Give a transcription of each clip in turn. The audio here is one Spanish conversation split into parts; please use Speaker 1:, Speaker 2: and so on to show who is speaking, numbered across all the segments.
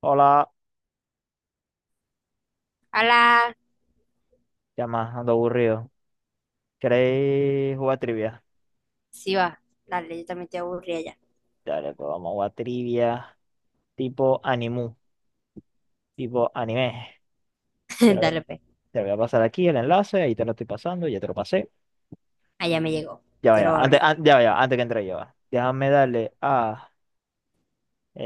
Speaker 1: Hola,
Speaker 2: Hola,
Speaker 1: ya más, ando aburrido. ¿Queréis jugar trivia?
Speaker 2: sí va. Dale, yo también te aburrí allá.
Speaker 1: Dale, pues vamos a jugar trivia tipo animu, tipo anime. Te lo, voy a
Speaker 2: Dale, pe.
Speaker 1: te lo voy a pasar aquí el enlace, ahí te lo estoy pasando, ya te lo pasé.
Speaker 2: Allá me llegó.
Speaker 1: Ya
Speaker 2: Ya
Speaker 1: vaya,
Speaker 2: lo
Speaker 1: antes,
Speaker 2: abrí.
Speaker 1: an- ya vaya, antes que entre yo. Va. Déjame darle a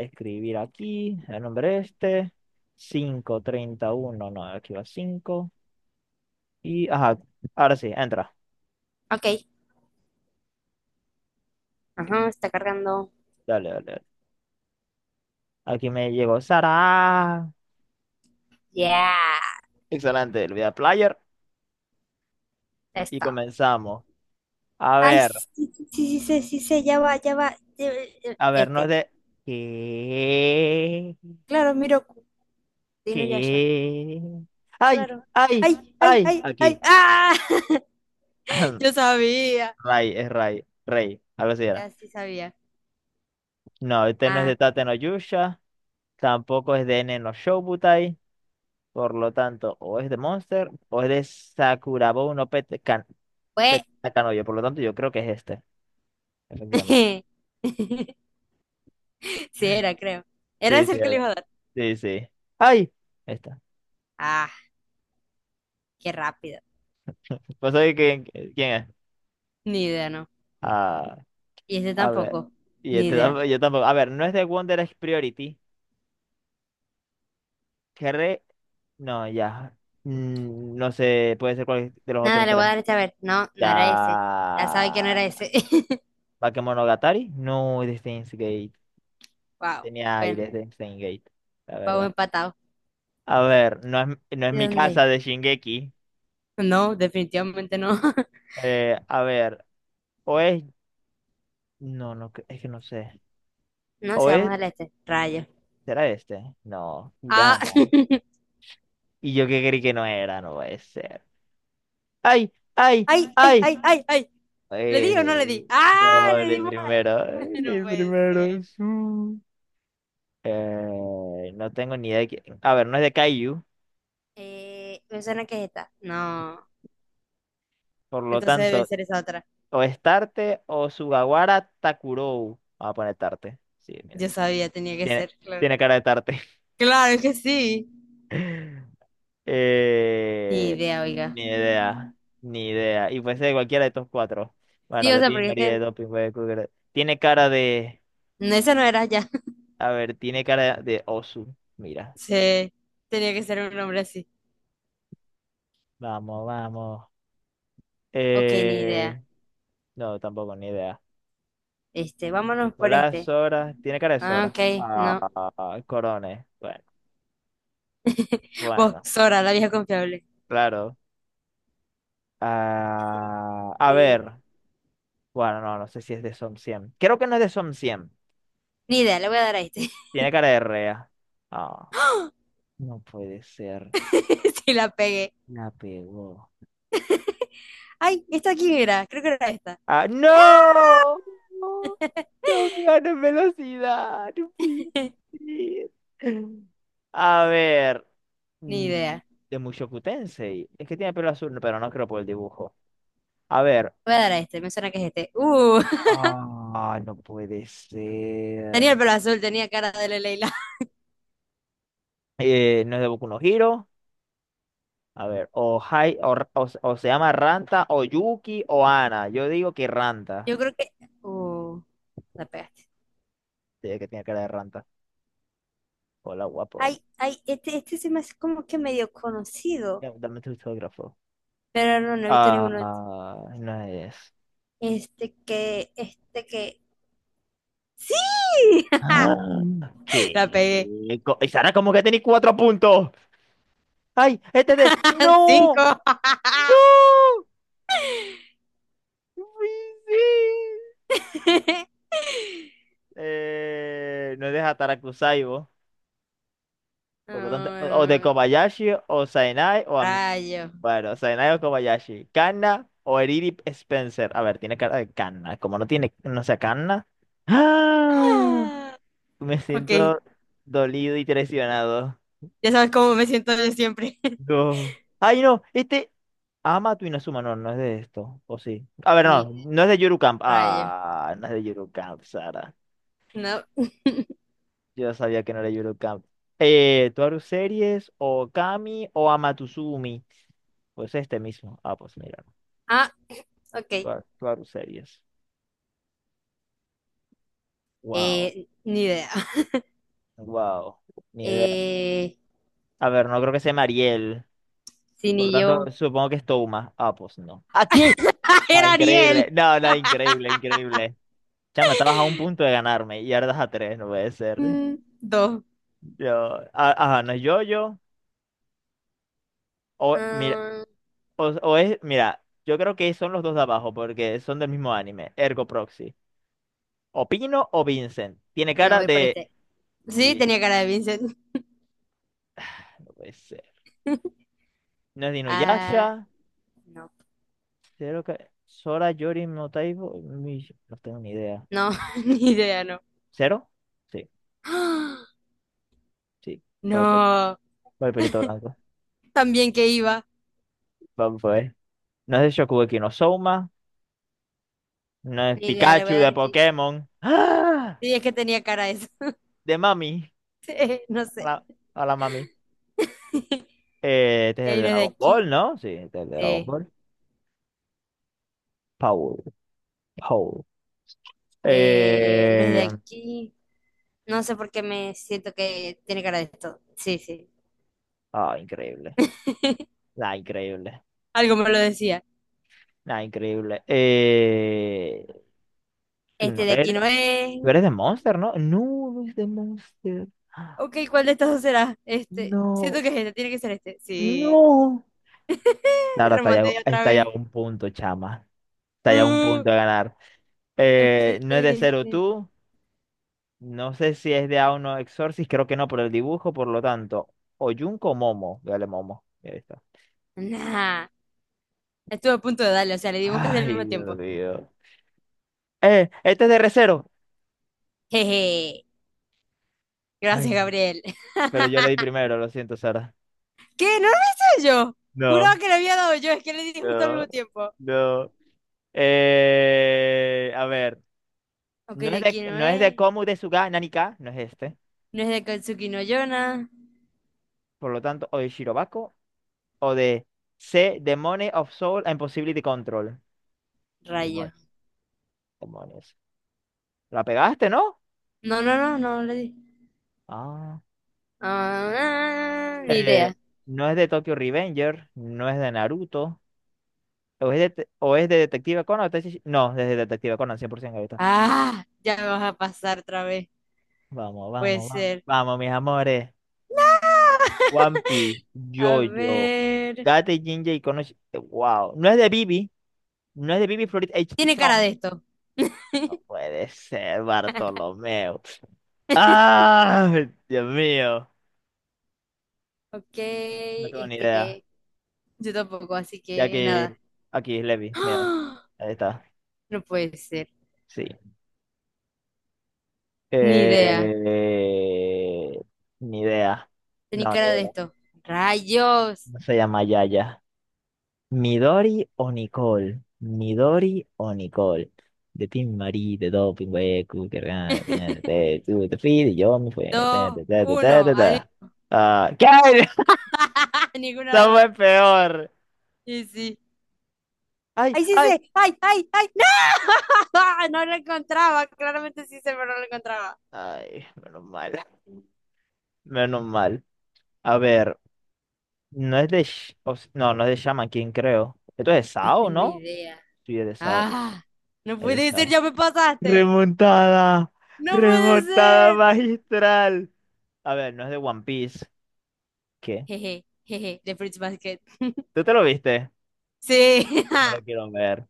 Speaker 1: escribir aquí el nombre este. Cinco treinta y uno, no, aquí va cinco. Y, ajá, ahora sí, entra.
Speaker 2: Ok. Ajá, está cargando.
Speaker 1: Dale, dale, dale. Aquí me llegó Sara.
Speaker 2: Ya.
Speaker 1: Excelente, le voy a dar player y
Speaker 2: Está.
Speaker 1: comenzamos. A
Speaker 2: Ay,
Speaker 1: ver.
Speaker 2: sí, sí, sí, sí, sí, sí, sí, ya va, ya va.
Speaker 1: A ver, no es
Speaker 2: Este.
Speaker 1: de. ¿Qué?
Speaker 2: Claro, Miroku. Dino Yasha.
Speaker 1: ¿Qué? ¡Ay!
Speaker 2: Claro.
Speaker 1: ¡Ay!
Speaker 2: Ay, ay,
Speaker 1: ¡Ay!
Speaker 2: ay, ay.
Speaker 1: Aquí.
Speaker 2: ¡Ah! Yo sabía.
Speaker 1: Ray, es Ray. Rey, algo así era.
Speaker 2: Ya sí sabía.
Speaker 1: No, este no es
Speaker 2: Ah,
Speaker 1: de Tate no Yusha. Tampoco es de Nen no Shoubutai. Por lo tanto, o es de Monster o es de Sakurabo no Pet. Pet
Speaker 2: fue.
Speaker 1: Takanoyo. Por lo tanto, yo creo que es este. Efectivamente.
Speaker 2: Sí, era, creo. Era
Speaker 1: Sí,
Speaker 2: ese
Speaker 1: sí,
Speaker 2: el que le
Speaker 1: era.
Speaker 2: iba a dar.
Speaker 1: Sí, sí. ¡Ay! Esta.
Speaker 2: Ah, qué rápido.
Speaker 1: Pues oye, ¿quién es?
Speaker 2: Ni idea, ¿no?
Speaker 1: Ah.
Speaker 2: Y ese
Speaker 1: A ver.
Speaker 2: tampoco. Ni idea.
Speaker 1: Yo tampoco. A ver, no es de Wonder Egg Priority. Cherry. No, ya. No sé, puede ser cuál de los
Speaker 2: Nada,
Speaker 1: otros
Speaker 2: le voy a
Speaker 1: tres.
Speaker 2: dar este a ver. No, no era ese. Ya sabe que no
Speaker 1: Ya.
Speaker 2: era ese.
Speaker 1: Bakemonogatari. No, de Steins Gate.
Speaker 2: Wow.
Speaker 1: Tenía
Speaker 2: Bueno,
Speaker 1: aires de Steins Gate, la
Speaker 2: vamos
Speaker 1: verdad.
Speaker 2: empatados.
Speaker 1: A ver, no es
Speaker 2: ¿De
Speaker 1: mi casa
Speaker 2: dónde?
Speaker 1: de Shingeki.
Speaker 2: No, definitivamente no.
Speaker 1: A ver, o es. No, no, es que no sé.
Speaker 2: No
Speaker 1: O
Speaker 2: sé, vamos
Speaker 1: es.
Speaker 2: al este. Rayo.
Speaker 1: ¿Será este? No,
Speaker 2: Ah.
Speaker 1: Hiramo. Y yo que creí que no era, no puede ser. ¡Ay! ¡Ay!
Speaker 2: Ay, ay,
Speaker 1: ¡Ay!
Speaker 2: ay, ay, ay. ¿Le di o no
Speaker 1: Eh,
Speaker 2: le di? Ah,
Speaker 1: no,
Speaker 2: le
Speaker 1: el
Speaker 2: dimos.
Speaker 1: primero,
Speaker 2: No
Speaker 1: el
Speaker 2: puede ser.
Speaker 1: primero. Sí. No tengo ni idea de quién. A ver, no es de Kaiju,
Speaker 2: Me suena que es esta. No.
Speaker 1: por lo
Speaker 2: Entonces debe
Speaker 1: tanto,
Speaker 2: ser esa otra.
Speaker 1: o es Tarte o Sugawara Takurou. Vamos a poner Tarte. Sí, mira.
Speaker 2: Yo sabía, tenía que
Speaker 1: Tiene,
Speaker 2: ser, claro.
Speaker 1: tiene cara de Tarte.
Speaker 2: Claro que sí. Ni
Speaker 1: Eh,
Speaker 2: idea, oiga.
Speaker 1: Ni idea, ni idea. Y puede ser cualquiera de estos cuatro. Bueno,
Speaker 2: Sí, o
Speaker 1: de
Speaker 2: sea,
Speaker 1: ti,
Speaker 2: porque es
Speaker 1: María de
Speaker 2: que
Speaker 1: Doping, puede cualquiera. Tiene cara de.
Speaker 2: no, esa no era ya.
Speaker 1: A ver, tiene cara de Osu. Mira.
Speaker 2: Sí, tenía que ser un nombre así.
Speaker 1: Vamos, vamos.
Speaker 2: Ok, ni
Speaker 1: Eh,
Speaker 2: idea.
Speaker 1: no, tampoco, ni idea.
Speaker 2: Este, vámonos por
Speaker 1: Nicolás
Speaker 2: este.
Speaker 1: Sora, tiene cara de
Speaker 2: Ah,
Speaker 1: Sora.
Speaker 2: ok, no.
Speaker 1: Ah, Corones. Bueno,
Speaker 2: Vos,
Speaker 1: bueno,
Speaker 2: Sora, la vieja confiable.
Speaker 1: claro. Ah, a
Speaker 2: Eh,
Speaker 1: ver, bueno, no, no sé si es de Som 100. Creo que no es de Som 100.
Speaker 2: ni idea, le voy a dar a este.
Speaker 1: Tiene cara de Rea. Ah, no puede ser.
Speaker 2: Sí, la pegué.
Speaker 1: La pegó.
Speaker 2: Ay, ¿esta quién era? Creo que era esta.
Speaker 1: Ah, no. No, no me gano en velocidad. No puede ser. A ver.
Speaker 2: Ni
Speaker 1: Mm.
Speaker 2: idea.
Speaker 1: De Mushoku Tensei. Es que tiene pelo azul, no, pero no creo por el dibujo. A ver.
Speaker 2: Voy a dar a este, me suena que es este.
Speaker 1: Ah, no puede ser.
Speaker 2: Tenía el pelo azul, tenía cara de Leila.
Speaker 1: No es de Boku no Hero. A ver, o se llama Ranta, o Yuki, o Ana. Yo digo que Ranta.
Speaker 2: Yo creo que. Uh, la pegaste.
Speaker 1: Sí, que tiene cara de Ranta. Hola, guapo.
Speaker 2: Ay, ay, este se me hace como que medio conocido.
Speaker 1: Ya, dame tu autógrafo.
Speaker 2: Pero no, no he visto
Speaker 1: Ah,
Speaker 2: ninguno.
Speaker 1: no es.
Speaker 2: Este que, este que. ¡Sí!
Speaker 1: Ah,
Speaker 2: La
Speaker 1: ¿qué?
Speaker 2: pegué.
Speaker 1: ¿Y Sara, como que tenéis cuatro puntos? ¡Ay! ¡Este de! ¡No!
Speaker 2: Cinco.
Speaker 1: ¡No! ¡No! ¡Sí! No es de Hatarakuzai, vos. Por lo tanto, o de
Speaker 2: Ah,
Speaker 1: Kobayashi, o Sainai, o.
Speaker 2: Rayo.
Speaker 1: Bueno, Sainai o Kobayashi. Kanna o Eriri Spencer. A ver, tiene cara de Kanna. Como no tiene, no sea Kanna. ¡Ah!
Speaker 2: Ah,
Speaker 1: Me
Speaker 2: ok,
Speaker 1: siento dolido y traicionado.
Speaker 2: ya sabes cómo me siento yo siempre.
Speaker 1: No. Ay, no, este. Ama tu Inazuma, no, no es de esto. O sí. A ver, no,
Speaker 2: Ni
Speaker 1: no es de Yuru Camp.
Speaker 2: rayo.
Speaker 1: Ah, no es de Yuru Camp, Sara.
Speaker 2: No.
Speaker 1: Yo sabía que no era Yurocamp. ¿Toaru Series o Kami o Amatuzumi? Pues este mismo. Ah, pues mira,
Speaker 2: Ah, ok.
Speaker 1: Toaru Series. Wow,
Speaker 2: Ni idea.
Speaker 1: wow, ni idea.
Speaker 2: Eh,
Speaker 1: A ver, no creo que sea Mariel.
Speaker 2: sí,
Speaker 1: Por lo
Speaker 2: ni yo.
Speaker 1: tanto, supongo que es Touma. Ah, pues no. ¿Aquí?
Speaker 2: ¡Ah,
Speaker 1: No,
Speaker 2: era
Speaker 1: increíble.
Speaker 2: Ariel!
Speaker 1: No, increíble, increíble. Chama, estabas a un punto de ganarme y ahora das a tres, no puede ser.
Speaker 2: Mm, dos.
Speaker 1: Ajá, no es yo, yo. O, mira,
Speaker 2: Ah,
Speaker 1: o es, mira, yo creo que son los dos de abajo porque son del mismo anime, Ergo Proxy. O Pino o Vincent. Tiene
Speaker 2: bueno,
Speaker 1: cara
Speaker 2: voy por
Speaker 1: de.
Speaker 2: este. Sí,
Speaker 1: Vi-
Speaker 2: tenía cara de Vincent.
Speaker 1: No puede ser. No es de
Speaker 2: Ah,
Speaker 1: Inuyasha.
Speaker 2: no,
Speaker 1: Cero que. Sora, Yori, no Taibo. No tengo ni idea.
Speaker 2: no, ni idea, no.
Speaker 1: ¿Cero? Sí,
Speaker 2: ¡Ah!
Speaker 1: sí. Viper.
Speaker 2: No,
Speaker 1: Viperito blanco.
Speaker 2: también que iba.
Speaker 1: Vamos a ver. No es de Shokugeki no Souma. No es
Speaker 2: Ni idea, le voy
Speaker 1: Pikachu
Speaker 2: a dar
Speaker 1: de
Speaker 2: aquí.
Speaker 1: Pokémon. ¡Ah!
Speaker 2: Sí, es que tenía cara eso.
Speaker 1: De Mami.
Speaker 2: Sí, no sé.
Speaker 1: Hola, hola Mami. Este
Speaker 2: Y
Speaker 1: es el
Speaker 2: ahí no es de
Speaker 1: Dragon Ball,
Speaker 2: aquí.
Speaker 1: ¿no? Sí, este es el Dragon
Speaker 2: Sí.
Speaker 1: Ball. Paul. Paul.
Speaker 2: No es de
Speaker 1: Eh,
Speaker 2: aquí. No sé por qué me siento que tiene cara de esto. Sí, sí.
Speaker 1: Increíble. Ah, increíble.
Speaker 2: Algo me lo decía.
Speaker 1: Ah, increíble. Tú no
Speaker 2: Este de aquí
Speaker 1: eres,
Speaker 2: no es.
Speaker 1: tú eres de Monster, ¿no? No, no es de Monster. Ah,
Speaker 2: Ok, ¿cuál de estos dos será? Este. Siento
Speaker 1: no,
Speaker 2: que es este, tiene que ser este. Sí.
Speaker 1: no. Ahora está ya,
Speaker 2: Remonté otra
Speaker 1: está ya a
Speaker 2: vez.
Speaker 1: un punto, chama. Está ya a un
Speaker 2: Uh,
Speaker 1: punto de ganar.
Speaker 2: ok,
Speaker 1: No es de Zero
Speaker 2: este.
Speaker 1: tú. No sé si es de Auno 1 Exorcist, creo que no por el dibujo, por lo tanto. O Junko o Momo. Dale, Momo. Ahí está.
Speaker 2: Nah. Estuve a punto de darle, o sea, le dimos casi al
Speaker 1: Ay,
Speaker 2: mismo
Speaker 1: Dios
Speaker 2: tiempo.
Speaker 1: mío. Este es de Re:Zero.
Speaker 2: Jeje,
Speaker 1: Ay,
Speaker 2: gracias,
Speaker 1: no.
Speaker 2: Gabriel.
Speaker 1: Pero yo le di primero, lo siento, Sara.
Speaker 2: ¿Qué? ¿No lo hice yo? Juraba
Speaker 1: No,
Speaker 2: que le había dado yo, es que le di justo al
Speaker 1: no,
Speaker 2: mismo tiempo.
Speaker 1: no. A ver.
Speaker 2: Ok,
Speaker 1: No
Speaker 2: de
Speaker 1: es de,
Speaker 2: aquí no
Speaker 1: no es de
Speaker 2: es.
Speaker 1: Komu de Suga Nanika, no es este.
Speaker 2: No es de Katsuki no Yona.
Speaker 1: Por lo tanto, o de Shirobako, o de C, Demone of Soul and Possibility Control. Demo-
Speaker 2: Rayo.
Speaker 1: Demonios. La pegaste, ¿no?
Speaker 2: No, no, no, no le di.
Speaker 1: Ah.
Speaker 2: Ah, ni
Speaker 1: Eh,
Speaker 2: idea.
Speaker 1: no es de Tokyo Revenger, no es de Naruto, o es de, o es de Detective Conan, no, es de Detective Conan, 100% ahorita.
Speaker 2: Ah, ya me vas a pasar otra vez.
Speaker 1: Vamos,
Speaker 2: No puede
Speaker 1: vamos, vamos,
Speaker 2: ser.
Speaker 1: vamos, mis amores. One Piece,
Speaker 2: A
Speaker 1: JoJo,
Speaker 2: ver.
Speaker 1: Gate Jinja y Konoshi. Wow. No es de Bibi. No es de Bibi Florid H.
Speaker 2: Tiene cara
Speaker 1: Song.
Speaker 2: de esto.
Speaker 1: No puede ser, Bartolomeo. ¡Ah! Dios mío.
Speaker 2: Ok,
Speaker 1: No tengo ni
Speaker 2: este
Speaker 1: idea.
Speaker 2: que. Yo tampoco, así
Speaker 1: Ya
Speaker 2: que nada.
Speaker 1: que aquí es Levi. Mira.
Speaker 2: ¡Ah!
Speaker 1: Ahí está.
Speaker 2: No puede ser.
Speaker 1: Sí.
Speaker 2: Ni idea.
Speaker 1: Eh, Ni idea.
Speaker 2: Tenía
Speaker 1: No, ni
Speaker 2: cara de
Speaker 1: idea.
Speaker 2: esto. Rayos.
Speaker 1: No se llama Yaya. Midori o Nicole. Midori o Nicole. De Team Marie, de Doping, Weku, que ra- que na- te tú, te fui, de, yo me fui. Ta,
Speaker 2: Dos,
Speaker 1: ta, ta, ta, ta,
Speaker 2: uno.
Speaker 1: ta,
Speaker 2: Adiós.
Speaker 1: ta. Ah, ¿qué?
Speaker 2: Ninguno de
Speaker 1: Esto
Speaker 2: los dos.
Speaker 1: fue peor.
Speaker 2: Y sí.
Speaker 1: Ay,
Speaker 2: ¡Ay, sí
Speaker 1: ay,
Speaker 2: sé! ¡Ay, ay, ay! ¡No! No lo encontraba. Claramente sí sé, pero no lo encontraba.
Speaker 1: ay, menos mal. Menos mal. A ver, no es de. No, no es de Shaman King, creo. Esto es de
Speaker 2: No
Speaker 1: Sao,
Speaker 2: tengo
Speaker 1: ¿no?
Speaker 2: idea.
Speaker 1: Sí, es de Sao.
Speaker 2: ¡Ah! No
Speaker 1: Es de
Speaker 2: puede ser,
Speaker 1: Sao.
Speaker 2: ya me pasaste.
Speaker 1: Remontada.
Speaker 2: No puede
Speaker 1: Remontada
Speaker 2: ser.
Speaker 1: magistral. A ver, no es de One Piece. ¿Qué?
Speaker 2: Jeje, jeje, de Fruits Basket.
Speaker 1: ¿Tú te lo viste?
Speaker 2: Sí.
Speaker 1: Yo me lo quiero ver.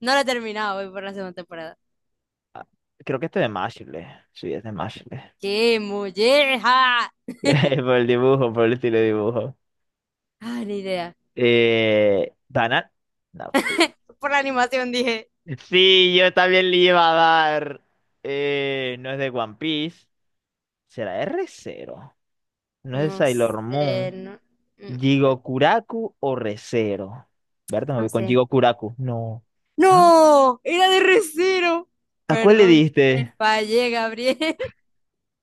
Speaker 2: No lo he terminado, voy por la segunda temporada.
Speaker 1: Ah, creo que este de Mashle. Sí, es de Mashle.
Speaker 2: ¡Qué molleja!
Speaker 1: Por el dibujo, por el estilo de dibujo.
Speaker 2: Ah, ni idea.
Speaker 1: ¿Banat? No.
Speaker 2: Por la animación dije.
Speaker 1: Sí, yo también le iba a dar. No es de One Piece. ¿Será de Re:Zero? No es de
Speaker 2: No
Speaker 1: Sailor
Speaker 2: sé,
Speaker 1: Moon.
Speaker 2: no, mm,
Speaker 1: ¿Jigokuraku o Re:Zero? Berta, me
Speaker 2: no
Speaker 1: voy con
Speaker 2: sé.
Speaker 1: Jigokuraku. No. ¿Ah?
Speaker 2: No, era de Recero.
Speaker 1: ¿A cuál le
Speaker 2: Perdón, te
Speaker 1: diste?
Speaker 2: fallé, Gabriel.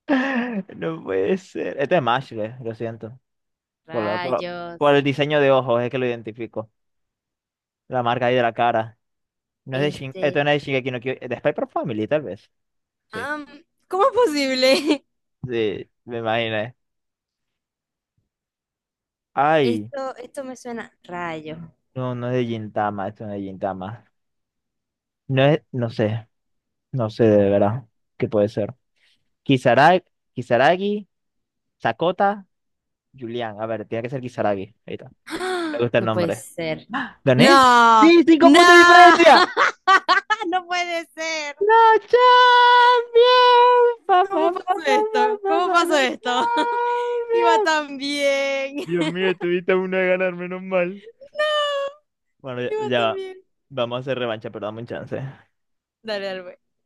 Speaker 1: No puede ser. Este es Mashle, lo siento. Por, la- por la-
Speaker 2: Rayos.
Speaker 1: por el diseño de ojos es que lo identifico. La marca ahí de la cara. No es de Shin, Esto
Speaker 2: Este.
Speaker 1: no es de Shingeki no Kyojin, de Spy x Family, tal vez. Sí,
Speaker 2: Am, ¿cómo es posible?
Speaker 1: sí, me imaginé. Ay,
Speaker 2: esto me suena. Rayos.
Speaker 1: no, no es de Gintama, esto no es de Gintama. No es, no sé, no sé de verdad qué puede ser. Kisaragi, Kisaragi, Sakota, Julián. A ver, tiene que ser Kisaragi. Ahí está. Me
Speaker 2: ¡Ah!
Speaker 1: gusta el
Speaker 2: No puede
Speaker 1: nombre.
Speaker 2: ser.
Speaker 1: ¿Gané?
Speaker 2: No,
Speaker 1: ¡Sí! ¡Cinco puntos de
Speaker 2: no,
Speaker 1: diferencia!
Speaker 2: no puede ser.
Speaker 1: Champions, pa,
Speaker 2: ¿Cómo
Speaker 1: pa, pa,
Speaker 2: pasó
Speaker 1: pa, pa,
Speaker 2: esto?
Speaker 1: pa,
Speaker 2: ¿Cómo
Speaker 1: pa,
Speaker 2: pasó
Speaker 1: la
Speaker 2: esto? Iba
Speaker 1: Champions.
Speaker 2: tan bien.
Speaker 1: Dios mío, tuviste una de ganar, menos mal.
Speaker 2: No,
Speaker 1: Bueno, ya,
Speaker 2: iba
Speaker 1: ya
Speaker 2: tan
Speaker 1: va.
Speaker 2: bien.
Speaker 1: Vamos a hacer revancha, pero dame un chance.
Speaker 2: Dale, dale, pues.